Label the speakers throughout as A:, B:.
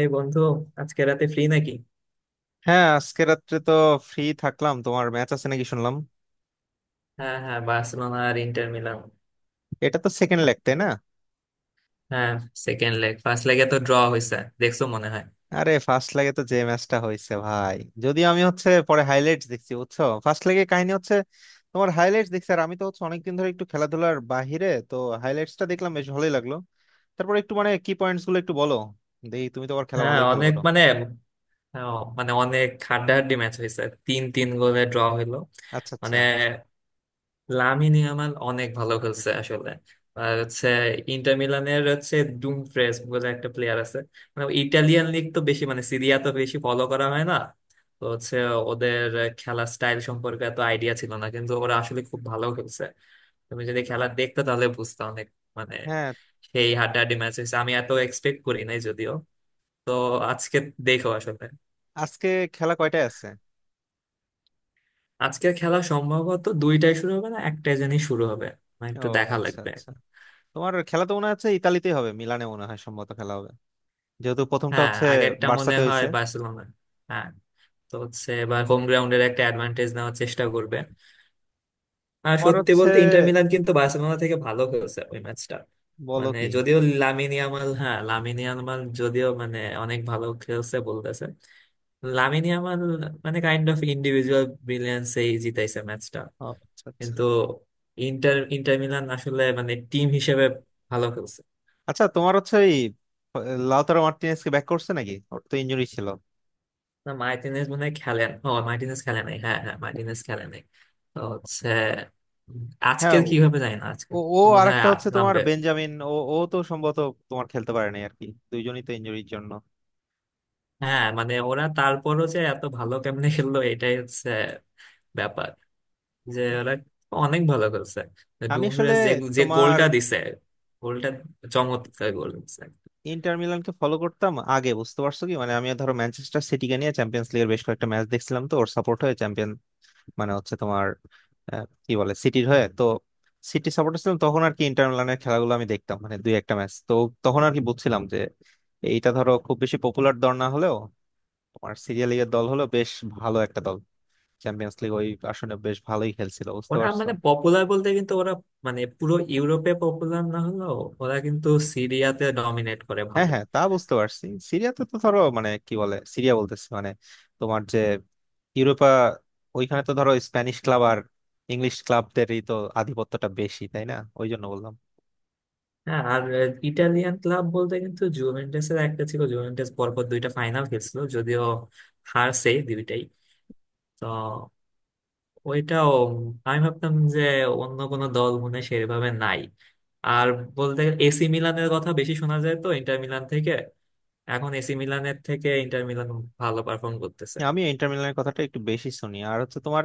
A: এই বন্ধু, আজকে রাতে ফ্রি নাকি?
B: হ্যাঁ, আজকে রাত্রে তো ফ্রি থাকলাম। তোমার ম্যাচ আছে নাকি শুনলাম,
A: হ্যাঁ হ্যাঁ, বার্সেলোনা আর ইন্টার মিলান।
B: এটা তো সেকেন্ড লেগ তাই না?
A: হ্যাঁ, সেকেন্ড লেগ। ফার্স্ট লেগে তো ড্র হয়েছে, দেখছো মনে হয়।
B: আরে ফার্স্ট লেগে তো যে ম্যাচটা হয়েছে ভাই, যদিও আমি হচ্ছে পরে হাইলাইটস দেখছি, বুঝছো? ফার্স্ট লেগে কাহিনী হচ্ছে, তোমার হাইলাইটস দেখছি। আর আমি তো হচ্ছে অনেকদিন ধরে একটু খেলাধুলার বাহিরে তো, হাইলাইটসটা দেখলাম, বেশ ভালোই লাগলো। তারপর একটু মানে কি পয়েন্টস গুলো একটু বলো দেখি, তুমি তো আবার খেলা
A: হ্যাঁ,
B: ভালোই ফলো
A: অনেক
B: করো।
A: মানে, হ্যাঁ, মানে অনেক হাড্ডাহাড্ডি ম্যাচ হয়েছে। 3-3 গোলে ড্র হইলো।
B: আচ্ছা, আচ্ছা।
A: মানে লামিন ইয়ামাল অনেক ভালো খেলছে আসলে। আর হচ্ছে ইন্টার মিলানের হচ্ছে ডুমফ্রেস বলে একটা প্লেয়ার আছে। মানে ইটালিয়ান লিগ তো বেশি মানে সিরিয়া তো বেশি ফলো করা হয় না। তো হচ্ছে ওদের খেলা স্টাইল সম্পর্কে এত আইডিয়া ছিল না, কিন্তু ওরা আসলে খুব ভালো খেলছে। তুমি যদি খেলা দেখতে তাহলে বুঝতে অনেক মানে
B: হ্যাঁ,
A: সেই হাড্ডাহাড্ডি ম্যাচ হয়েছে। আমি এত এক্সপেক্ট করি নাই যদিও। তো আজকে দেখো আসলে
B: আজকে খেলা কয়টায় আছে?
A: আজকের খেলা সম্ভবত দুইটাই শুরু হবে না, একটাই জানি শুরু হবে। মানে
B: ও,
A: একটু দেখা
B: আচ্ছা
A: লাগবে।
B: আচ্ছা। তোমার খেলা তো মনে হচ্ছে ইতালিতেই হবে, মিলানে মনে হয় সম্ভবত খেলা হবে, যেহেতু প্রথমটা
A: হ্যাঁ,
B: হচ্ছে
A: আগেরটা মনে
B: বার্সাতে
A: হয়
B: হয়েছে।
A: বার্সেলোনা। হ্যাঁ, তো হচ্ছে এবার হোম গ্রাউন্ডের একটা অ্যাডভান্টেজ নেওয়ার চেষ্টা করবে। আর
B: তোমার
A: সত্যি
B: হচ্ছে
A: বলতে ইন্টার মিলান কিন্তু বার্সেলোনা থেকে ভালো খেলছে ওই ম্যাচটা।
B: বলো
A: মানে
B: কি!
A: যদিও লামিন ইয়ামাল, হ্যাঁ, লামিন ইয়ামাল যদিও মানে অনেক ভালো খেলছে বলতেছে, লামিনী আমার মানে কাইন্ড অফ ইন্ডিভিজুয়াল ব্রিলিয়ান্সেই জিতাইছে ম্যাচটা।
B: ও, আচ্ছা আচ্ছা।
A: কিন্তু ইন্টার ইন্টার মিলান আসলে মানে টিম হিসেবে ভালো খেলছে।
B: আচ্ছা, তোমার হচ্ছে ওই লাউতারো মার্টিনেজ কি ব্যাক করছে নাকি? ওর তো ইনজুরি ছিল।
A: না, মার্টিনেজ মনে হয় খেলেন। ও, মার্টিনেজ খেলে নাই। হ্যাঁ হ্যাঁ, মার্টিনেজ খেলে নাই। তো হচ্ছে উম,
B: হ্যাঁ।
A: আজকের কি হবে জানি না। আজকে
B: ও ও,
A: তো মনে হয়
B: আরেকটা হচ্ছে তোমার
A: নামবে।
B: বেঞ্জামিন, ও ও তো সম্ভবত তোমার খেলতে পারে নাই আর কি, দুইজনই তো ইনজুরির জন্য।
A: হ্যাঁ মানে ওরা তারপরও যে এত ভালো কেমনে খেললো এটাই হচ্ছে ব্যাপার, যে ওরা অনেক ভালো খেলছে।
B: আমি আসলে
A: ডুমফ্রিজ যে, যে
B: তোমার
A: গোলটা দিছে, গোলটা চমৎকার গোল দিছে।
B: ইন্টার মিলানকে ফলো করতাম আগে, বুঝতে পারছো? কি মানে আমি ধরো ম্যানচেস্টার সিটিকে নিয়ে চ্যাম্পিয়ন্স লিগের বেশ কয়েকটা ম্যাচ দেখছিলাম, তো ওর সাপোর্ট হয়ে চ্যাম্পিয়ন মানে হচ্ছে তোমার কি বলে সিটির হয়ে তো, সিটি সাপোর্টার ছিলাম তখন আর কি। ইন্টার মিলানের খেলাগুলো আমি দেখতাম, মানে দুই একটা ম্যাচ তো তখন আর কি। বুঝছিলাম যে এইটা ধরো খুব বেশি পপুলার দল না হলেও তোমার সিরিয়াল লিগের দল, হলো বেশ ভালো একটা দল, চ্যাম্পিয়ন্স লিগ ওই আসলে বেশ ভালোই খেলছিল, বুঝতে
A: ওরা
B: পারছো?
A: মানে পপুলার বলতে, কিন্তু ওরা মানে পুরো ইউরোপে পপুলার না হলেও ওরা কিন্তু সিরিয়াতে ডমিনেট করে
B: হ্যাঁ
A: ভালোই।
B: হ্যাঁ, তা বুঝতে পারছি। সিরিয়াতে তো ধরো মানে কি বলে, সিরিয়া বলতেছি মানে তোমার যে ইউরোপা, ওইখানে তো ধরো স্প্যানিশ ক্লাব আর ইংলিশ ক্লাবদেরই তো আধিপত্যটা বেশি তাই না? ওই জন্য বললাম।
A: হ্যাঁ আর ইটালিয়ান ক্লাব বলতে কিন্তু জুভেন্টাস এর একটা ছিল। জুভেন্টাস পরপর দুইটা ফাইনাল খেলছিল যদিও, হারছে দুইটাই। তো ওইটাও আমি ভাবতাম যে অন্য কোনো দল মনে হয় সেভাবে নাই। আর বলতে গেলে এসি মিলানের কথা বেশি শোনা যায় তো ইন্টার মিলান থেকে। এখন এসি মিলানের থেকে ইন্টার মিলান ভালো পারফর্ম করতেছে।
B: আমি ইন্টার মিলানের কথাটা একটু বেশি শুনি। আর হচ্ছে তোমার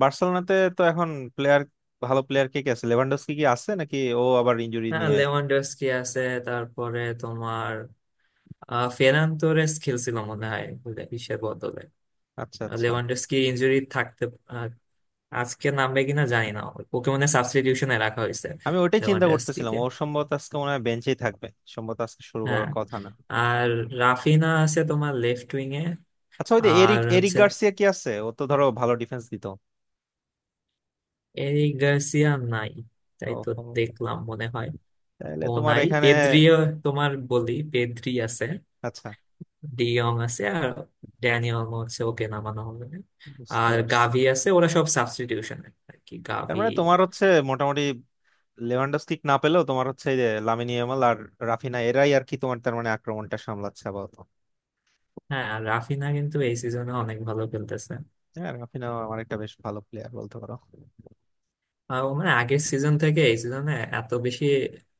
B: বার্সেলোনাতে তো এখন প্লেয়ার, ভালো প্লেয়ার কে কে আছে? লেভানডস্কি কি আছে নাকি? ও আবার ইনজুরি
A: হ্যাঁ,
B: নিয়ে।
A: লেভানডস্কি আছে। তারপরে তোমার ফেরান তোরেস খেলছিল মনে হয় বিশ্বের বদলে,
B: আচ্ছা আচ্ছা।
A: লেভানডস্কি ইনজুরি থাকতে। আহ, আজকে নামবে কিনা জানি না। ওকে মনে সাবস্টিটিউশনে রাখা হয়েছে,
B: আমি ওইটাই চিন্তা করতেছিলাম,
A: লেভানডস্কিকে।
B: ওর সম্ভবত আজকে মনে হয় বেঞ্চেই থাকবে, সম্ভবত আজকে শুরু
A: হ্যাঁ
B: করার কথা না।
A: আর রাফিনা আছে তোমার লেফট উইং এ।
B: আচ্ছা, ওই যে
A: আর
B: এরিক এরিক
A: হচ্ছে
B: গার্সিয়া কি আছে? ও তো ধরো ভালো ডিফেন্স দিত।
A: এরিক গার্সিয়া নাই তাই
B: ও,
A: তো, দেখলাম মনে হয়।
B: তাহলে
A: ও
B: তোমার
A: নাই,
B: এখানে।
A: পেদ্রিও। তোমার বলি পেদ্রি আছে,
B: আচ্ছা,
A: ডিয়ং আছে। আর ড্যানিয়াল হচ্ছে ওকে নামানো হবে না।
B: বুঝতে
A: আর
B: পারছি।
A: গাভি আছে, ওরা সব সাবস্টিটিউশনে আর কি
B: তার
A: গাভি।
B: মানে তোমার হচ্ছে মোটামুটি লেভানডস্কি না পেলেও তোমার হচ্ছে এই যে লামিনী ইয়ামাল আর রাফিনা, এরাই আর কি তোমার, তার মানে আক্রমণটা সামলাচ্ছে আপাতত।
A: হ্যাঁ আর রাফিনা কিন্তু এই সিজনে অনেক ভালো খেলতেছে।
B: হ্যাঁ, রাফিনাও আমার একটা বেশ ভালো প্লেয়ার বলতে পারো।
A: আর ও মানে আগের সিজন থেকে এই সিজনে এত বেশি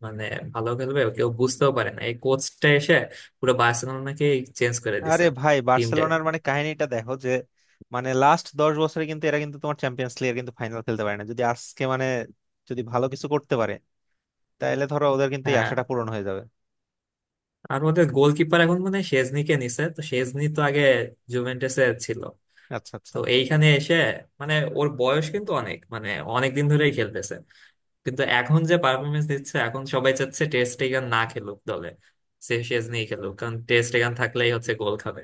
A: মানে ভালো খেলবে কেউ বুঝতেও পারে না। এই কোচটা এসে পুরো বার্সেলোনাকে চেঞ্জ করে
B: আরে
A: দিছে
B: ভাই,
A: টিমটাকে।
B: বার্সেলোনার মানে কাহিনীটা দেখো যে মানে লাস্ট 10 বছরে কিন্তু এরা কিন্তু তোমার চ্যাম্পিয়ন্স লিগের কিন্তু ফাইনাল খেলতে পারে না। যদি আজকে মানে যদি ভালো কিছু করতে পারে, তাহলে ধরো ওদের কিন্তু এই
A: হ্যাঁ
B: আশাটা পূরণ হয়ে যাবে।
A: আর ওদের গোলকিপার এখন মানে শেজনিকে নিছে। তো শেজনি তো আগে জুভেন্টাসে ছিল।
B: আচ্ছা
A: তো
B: আচ্ছা।
A: এইখানে এসে মানে ওর বয়স কিন্তু অনেক মানে অনেক দিন ধরেই খেলতেছে। কিন্তু এখন যে পারফরমেন্স দিচ্ছে, এখন সবাই চাচ্ছে টেস্ট এগান না খেলুক দলে, সে শেজনি খেলুক। কারণ টেস্ট এগান থাকলেই হচ্ছে গোল খাবে।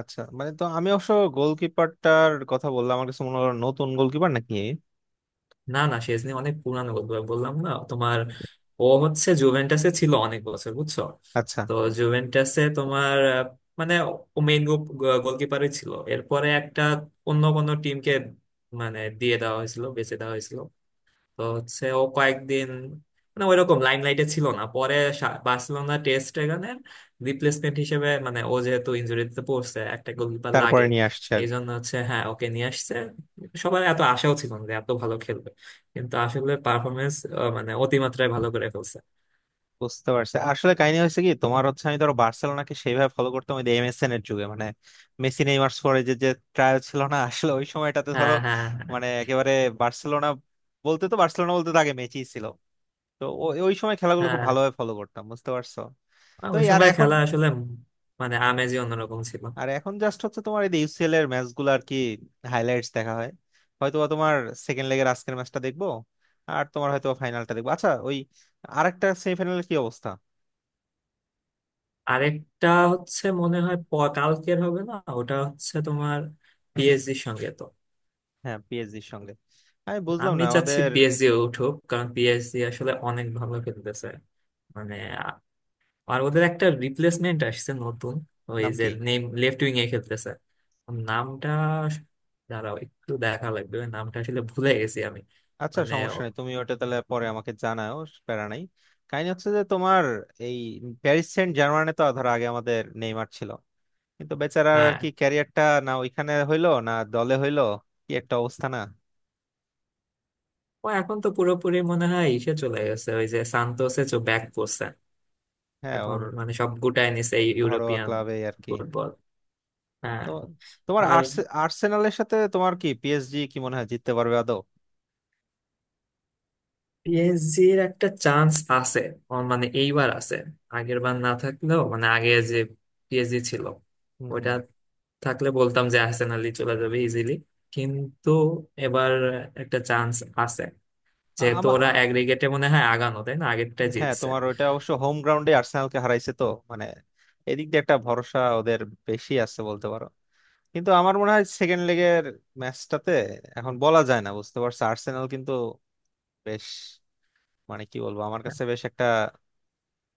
B: আচ্ছা, মানে তো আমি অবশ্য গোলকিপারটার কথা বললাম, আমার কাছে মনে হলো নতুন গোলকিপার নাকি।
A: না না, শেজনি অনেক পুরানো গোলকিপার, বললাম না তোমার। ও হচ্ছে জুভেন্টাসে ছিল অনেক বছর, বুঝছো।
B: আচ্ছা,
A: তো জুভেন্টাসে তোমার মানে ও মেইন গোলকিপারই ছিল। এরপরে একটা অন্য কোনো টিমকে মানে দিয়ে দেওয়া হয়েছিল, বেচে দেওয়া হয়েছিল। তো হচ্ছে ও কয়েকদিন মানে ওইরকম লাইমলাইটে ছিল না। পরে বার্সেলোনা টেস্ট এগানের রিপ্লেসমেন্ট হিসেবে, মানে ও যেহেতু ইনজুরিতে পড়ছে একটা গোলকিপার
B: তারপরে
A: লাগে,
B: নিয়ে আসছে।
A: এই জন্য হচ্ছে, হ্যাঁ, ওকে নিয়ে আসছে। সবার এত আশাও ছিল না যে এত ভালো খেলবে, কিন্তু আসলে পারফরমেন্স মানে অতিমাত্রায় ভালো করে ফেলছে।
B: বুঝতে পারছি। আসলে কাহিনী হয়েছে কি, তোমার হচ্ছে আমি ধরো বার্সেলোনাকে সেইভাবে ফলো করতাম ওই এমএসএন এর যুগে, মানে মেসি, নেইমার, সুয়ারেজের যে ট্রায়াল ছিল না আসলে ওই সময়টাতে ধরো,
A: হ্যাঁ হ্যাঁ।
B: মানে একেবারে বার্সেলোনা বলতে তো আগে মেসি ছিল, তো ওই সময় খেলাগুলো খুব
A: হ্যাঁ
B: ভালোভাবে ফলো করতাম, বুঝতে পারছো?
A: হ্যাঁ,
B: তো
A: ওই
B: এই আর
A: সময়
B: এখন,
A: খেলা আসলে মানে আমেজই অন্যরকম ছিল।
B: আর এখন জাস্ট হচ্ছে তোমার এই ইউসিএল এর ম্যাচ গুলো আর কি হাইলাইটস দেখা হয়। হয়তোবা তোমার সেকেন্ড লেগের আজকের ম্যাচটা দেখবো, আর তোমার হয়তো ফাইনালটা দেখবো। আচ্ছা, ওই আরেকটা সেমিফাইনালের কি অবস্থা?
A: আরেকটা হচ্ছে মনে হয় কালকের হবে না? ওটা হচ্ছে তোমার পিএসজির সঙ্গে তো।
B: হ্যাঁ, পিএসজির সঙ্গে। আমি বুঝলাম
A: আমি
B: না
A: চাচ্ছি
B: আমাদের,
A: পিএসজি উঠুক, কারণ পিএসজি আসলে অনেক ভালো খেলতেছে। মানে আ- আর ওদের একটা রিপ্লেসমেন্ট আসছে নতুন, ওই
B: নাম
A: যে
B: কি?
A: নেম লেফট উইং এ খেলতেছে। ওর নামটা আস- দাঁড়াও একটু দেখা লাগবে, ওই নামটা আসলে ভুলে গেছি আমি।
B: আচ্ছা,
A: মানে
B: সমস্যা নেই, তুমি ওটা তাহলে পরে আমাকে জানাও। প্যারা নাই। কাহিনী হচ্ছে যে তোমার এই প্যারিস সেন্ট জার্মানে তো ধরো আগে আমাদের নেইমার ছিল, কিন্তু বেচারার আর
A: হ্যাঁ,
B: কি ক্যারিয়ারটা না ওইখানে হইলো না দলে হইলো, কি একটা অবস্থা না?
A: ও এখন তো পুরোপুরি মনে হয় ইসে চলে গেছে, ওই যে সান্তোসে চো ব্যাক করছে।
B: হ্যাঁ
A: এখন
B: ওর
A: মানে সব গুটায় নিছে এই
B: ঘরোয়া
A: ইউরোপিয়ান
B: ক্লাবে আর কি।
A: ফুটবল। হ্যাঁ
B: তো তোমার
A: আর
B: আর্সেনালের সাথে তোমার কি পিএসজি কি মনে হয় জিততে পারবে আদৌ?
A: পিএসজির একটা চান্স আছে, মানে এইবার আছে। আগের বার না থাকলেও, মানে আগে যে পিএসজি ছিল ওইটা
B: হম।
A: থাকলে বলতাম যে আর্সেনালই চলে যাবে ইজিলি। কিন্তু এবার একটা চান্স আছে, যেহেতু
B: হম।
A: ওরা অ্যাগ্রিগেটে মনে হয় আগানো তাই না, আগেরটা
B: হ্যাঁ,
A: জিতছে।
B: তোমার ওইটা অবশ্য হোম গ্রাউন্ডে আর্সেনালকে হারাইছে তো, মানে এদিক দিয়ে একটা ভরসা ওদের বেশি আছে বলতে পারো। কিন্তু আমার মনে হয় সেকেন্ড লেগের ম্যাচটাতে এখন বলা যায় না, বুঝতে পারছো? আর্সেনাল কিন্তু বেশ, মানে কি বলবো, আমার কাছে বেশ একটা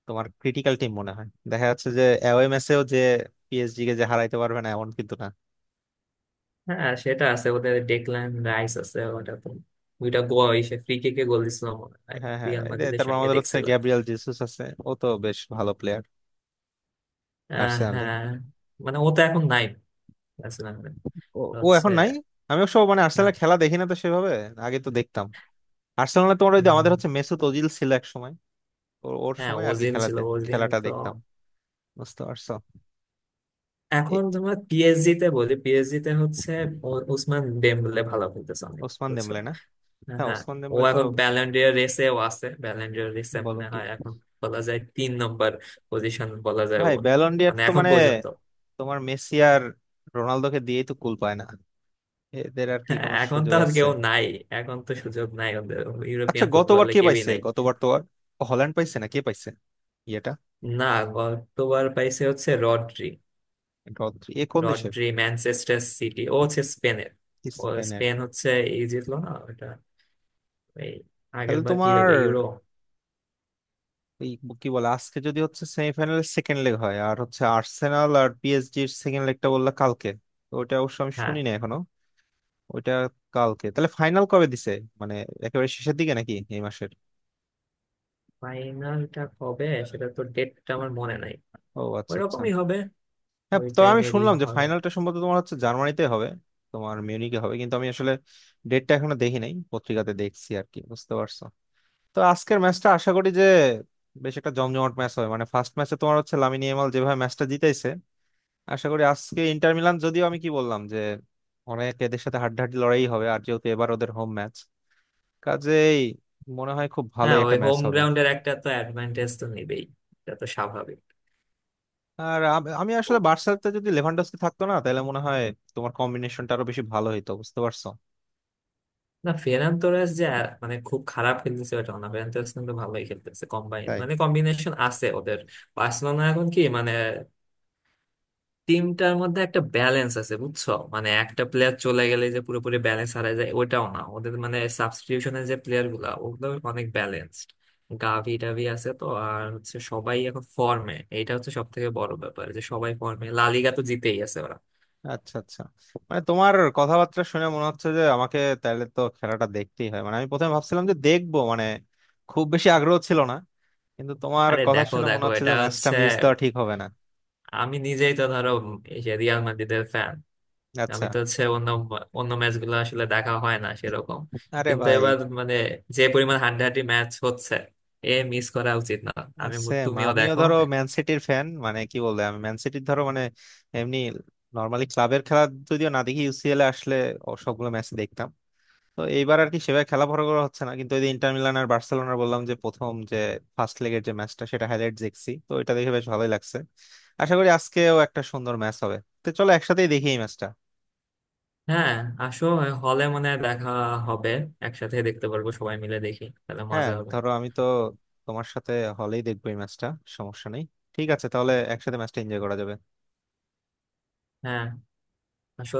B: তোমার ক্রিটিক্যাল টিম মনে হয়, দেখা যাচ্ছে যে অ্যাওয়ে ম্যাচেও যে পিএসজি কে যে হারাইতে পারবে না এমন কিন্তু না।
A: হ্যাঁ সেটা আছে ওদের, ডেকল্যান রাইস আছে ওটা তো, দুইটা গোল সে ফ্রি কিকে গোল দিছিল মনে হয়
B: হ্যাঁ হ্যাঁ,
A: রিয়াল
B: এই যে
A: মাদ্রিদের
B: তারপর
A: সঙ্গে,
B: আমাদের হচ্ছে
A: দেখছিল।
B: গ্যাব্রিয়াল জেসুস আছে, ও তো বেশ ভালো প্লেয়ার আর্সেনালে।
A: হ্যাঁ। মানে ও তো এখন নাই আর্সেনাল
B: ও ও
A: হচ্ছে।
B: এখন নাই। আমি অবশ্য মানে আর্সেনালের খেলা দেখি না তো সেভাবে, আগে তো দেখতাম। আর্সেনালে তোমার ওই যে আমাদের
A: উম,
B: হচ্ছে মেসুত ওজিল ছিল এক সময়, ওর ওর
A: হ্যাঁ,
B: সময় আর কি
A: ওজিল ছিল,
B: খেলাতে
A: ওজিল
B: খেলাটা
A: তো।
B: দেখতাম, বুঝতে পারছো? এ-
A: এখন তোমার পিএসজি তে বলি, পিএসজি তে হচ্ছে ওসমান ডেম্বলে ভালো খেলতেছে অনেক,
B: ওসমান
A: বুঝছো।
B: দেমলে না?
A: হ্যাঁ
B: হ্যাঁ,
A: হ্যাঁ,
B: ওসমান
A: ও
B: দেমলে তো।
A: এখন ব্যালেন্ডিয়ার রেসেও আছে। ব্যালেন্ডিয়ার রেসে
B: বলো
A: মনে
B: কি!
A: হয় এখন বলা যায় তিন নম্বর পজিশন বলা যায়
B: ভাই,
A: ওর।
B: ব্যালন ডি'র
A: মানে
B: তো
A: এখন
B: মানে
A: পর্যন্ত
B: তোমার মেসি আর রোনালদোকে দিয়েই তো কুল পায় না, এদের আর কি
A: হ্যাঁ,
B: কোনো
A: এখন তো
B: সুযোগ
A: আর
B: আছে?
A: কেউ নাই, এখন তো সুযোগ নাই ওদের।
B: আচ্ছা,
A: ইউরোপিয়ান
B: গতবার
A: ফুটবলে
B: কে
A: কেউই
B: পাইছে?
A: নাই।
B: গতবার তো আর হল্যান্ড পাইছে না? কে পাইছে? ইয়েটা।
A: না, গতবার পাইছে হচ্ছে রড্রি।
B: এ কোন দেশের?
A: রড্রি ম্যানচেস্টার সিটি, ও হচ্ছে স্পেনের। ও,
B: স্পেনের।
A: স্পেন হচ্ছে, এই জিতলো না ওটা, এই আগের
B: তাহলে
A: বার কি
B: তোমার
A: হলো ইউরো।
B: এই কি বলে, আজকে যদি হচ্ছে সেমিফাইনালের সেকেন্ড লেগ হয় আর হচ্ছে আর্সেনাল আর পিএসজির সেকেন্ড লেগটা বললা কালকে, তো ওটা অবশ্য আমি
A: হ্যাঁ,
B: শুনি না এখনো ওইটা। কালকে তাহলে ফাইনাল কবে দিছে, মানে একেবারে শেষের দিকে নাকি এই মাসের?
A: ফাইনালটা কবে, সেটা তো ডেটটা আমার মনে নাই।
B: ও, আচ্ছা আচ্ছা।
A: ওইরকমই হবে,
B: হ্যাঁ,
A: ওই
B: তো আমি
A: টাইমেরই
B: শুনলাম যে
A: হওয়ার কথা।
B: ফাইনালটা সম্ভবত তোমার হচ্ছে জার্মানিতে হবে, তোমার মিউনিকে হবে। কিন্তু আমি আসলে ডেটটা এখনো দেখি নাই, পত্রিকাতে দেখছি আর কি, বুঝতে পারছো? তো আজকের ম্যাচটা আশা করি যে বেশ একটা জমজমাট ম্যাচ হবে। মানে ফার্স্ট ম্যাচে তোমার হচ্ছে লামিনী ইয়ামাল যেভাবে ম্যাচটা জিতাইছে, আশা করি আজকে ইন্টার মিলান, যদিও আমি কি বললাম যে অনেক এদের সাথে হাড্ডাহাড্ডি লড়াই হবে, আর যেহেতু এবার ওদের হোম ম্যাচ, কাজেই মনে হয় খুব
A: হ্যাঁ
B: ভালোই
A: ওই
B: একটা ম্যাচ
A: হোম
B: হবে।
A: গ্রাউন্ডের একটা তো অ্যাডভান্টেজ তো নেবেই, এটা তো স্বাভাবিক।
B: আর আমি আসলে বার্সাতে যদি লেভানডস্কি থাকতো না, তাহলে মনে হয় তোমার কম্বিনেশনটা আরো বেশি ভালো হইতো, বুঝতে পারছো?
A: না, ফেরান তোরাস যে মানে খুব খারাপ খেলতেছে ওটা না। ফেরান তোরাস কিন্তু ভালোই খেলতেছে। কম্বাইন
B: তাই।
A: মানে কম্বিনেশন আছে ওদের। বার্সেলোনা এখন কি, মানে টিমটার মধ্যে একটা ব্যালেন্স আছে বুঝছো, মানে একটা প্লেয়ার চলে গেলে যে পুরোপুরি ব্যালেন্স হারায় যায় ওটাও না। ওদের মানে সাবস্টিটিউশনের যে প্লেয়ার গুলা, ওগুলো অনেক ব্যালেন্সড। গাভি টাভি আছে, তো আর হচ্ছে সবাই এখন ফর্মে। এটা হচ্ছে সব থেকে বড় ব্যাপার, যে সবাই ফর্মে। লালিগা তো জিতেই আছে ওরা।
B: আচ্ছা আচ্ছা। মানে তোমার কথাবার্তা শুনে মনে হচ্ছে যে আমাকে তাহলে তো খেলাটা দেখতেই হয়, মানে আমি প্রথমে ভাবছিলাম যে দেখবো, মানে খুব বেশি আগ্রহ ছিল না, কিন্তু তোমার
A: আরে
B: কথা
A: দেখো
B: শুনে মনে
A: দেখো,
B: হচ্ছে
A: এটা
B: যে ম্যাচটা
A: হচ্ছে
B: মিস দেওয়া ঠিক হবে না।
A: আমি নিজেই তো ধরো এই যে রিয়াল মাদ্রিদের ফ্যান, আমি
B: আচ্ছা।
A: তো হচ্ছে অন্য অন্য ম্যাচ গুলো আসলে দেখা হয় না সেরকম।
B: আরে
A: কিন্তু
B: ভাই,
A: এবার মানে যে পরিমাণ হাড্ডাহাড্ডি ম্যাচ হচ্ছে, এ মিস করা উচিত না। আমি
B: সেম,
A: তুমিও
B: আমিও
A: দেখো।
B: ধরো ম্যান সিটির ফ্যান। মানে কি বলবো, আমি ম্যান সিটির ধরো মানে এমনি নর্মালি ক্লাবের খেলা যদিও না দেখি, ইউসিএল এ আসলে ও সবগুলো ম্যাচ দেখতাম। তো এইবার আর কি সেভাবে খেলা বড় করা হচ্ছে না, কিন্তু ওই যে ইন্টার মিলান আর বার্সেলোনার বললাম যে প্রথম যে ফার্স্ট লেগের যে ম্যাচটা, সেটা হাইলাইট দেখছি, তো এটা দেখে বেশ ভালোই লাগছে। আশা করি আজকেও একটা সুন্দর ম্যাচ হবে। তো চলো একসাথেই দেখি এই ম্যাচটা।
A: হ্যাঁ আসো, হলে মনে হয় দেখা হবে। একসাথে দেখতে পারবো সবাই মিলে, দেখি তাহলে
B: হ্যাঁ,
A: মজা হবে।
B: ধরো আমি তো তোমার সাথে হলেই দেখবো এই ম্যাচটা, সমস্যা নেই। ঠিক আছে, তাহলে একসাথে ম্যাচটা এনজয় করা যাবে।
A: হ্যাঁ আসো।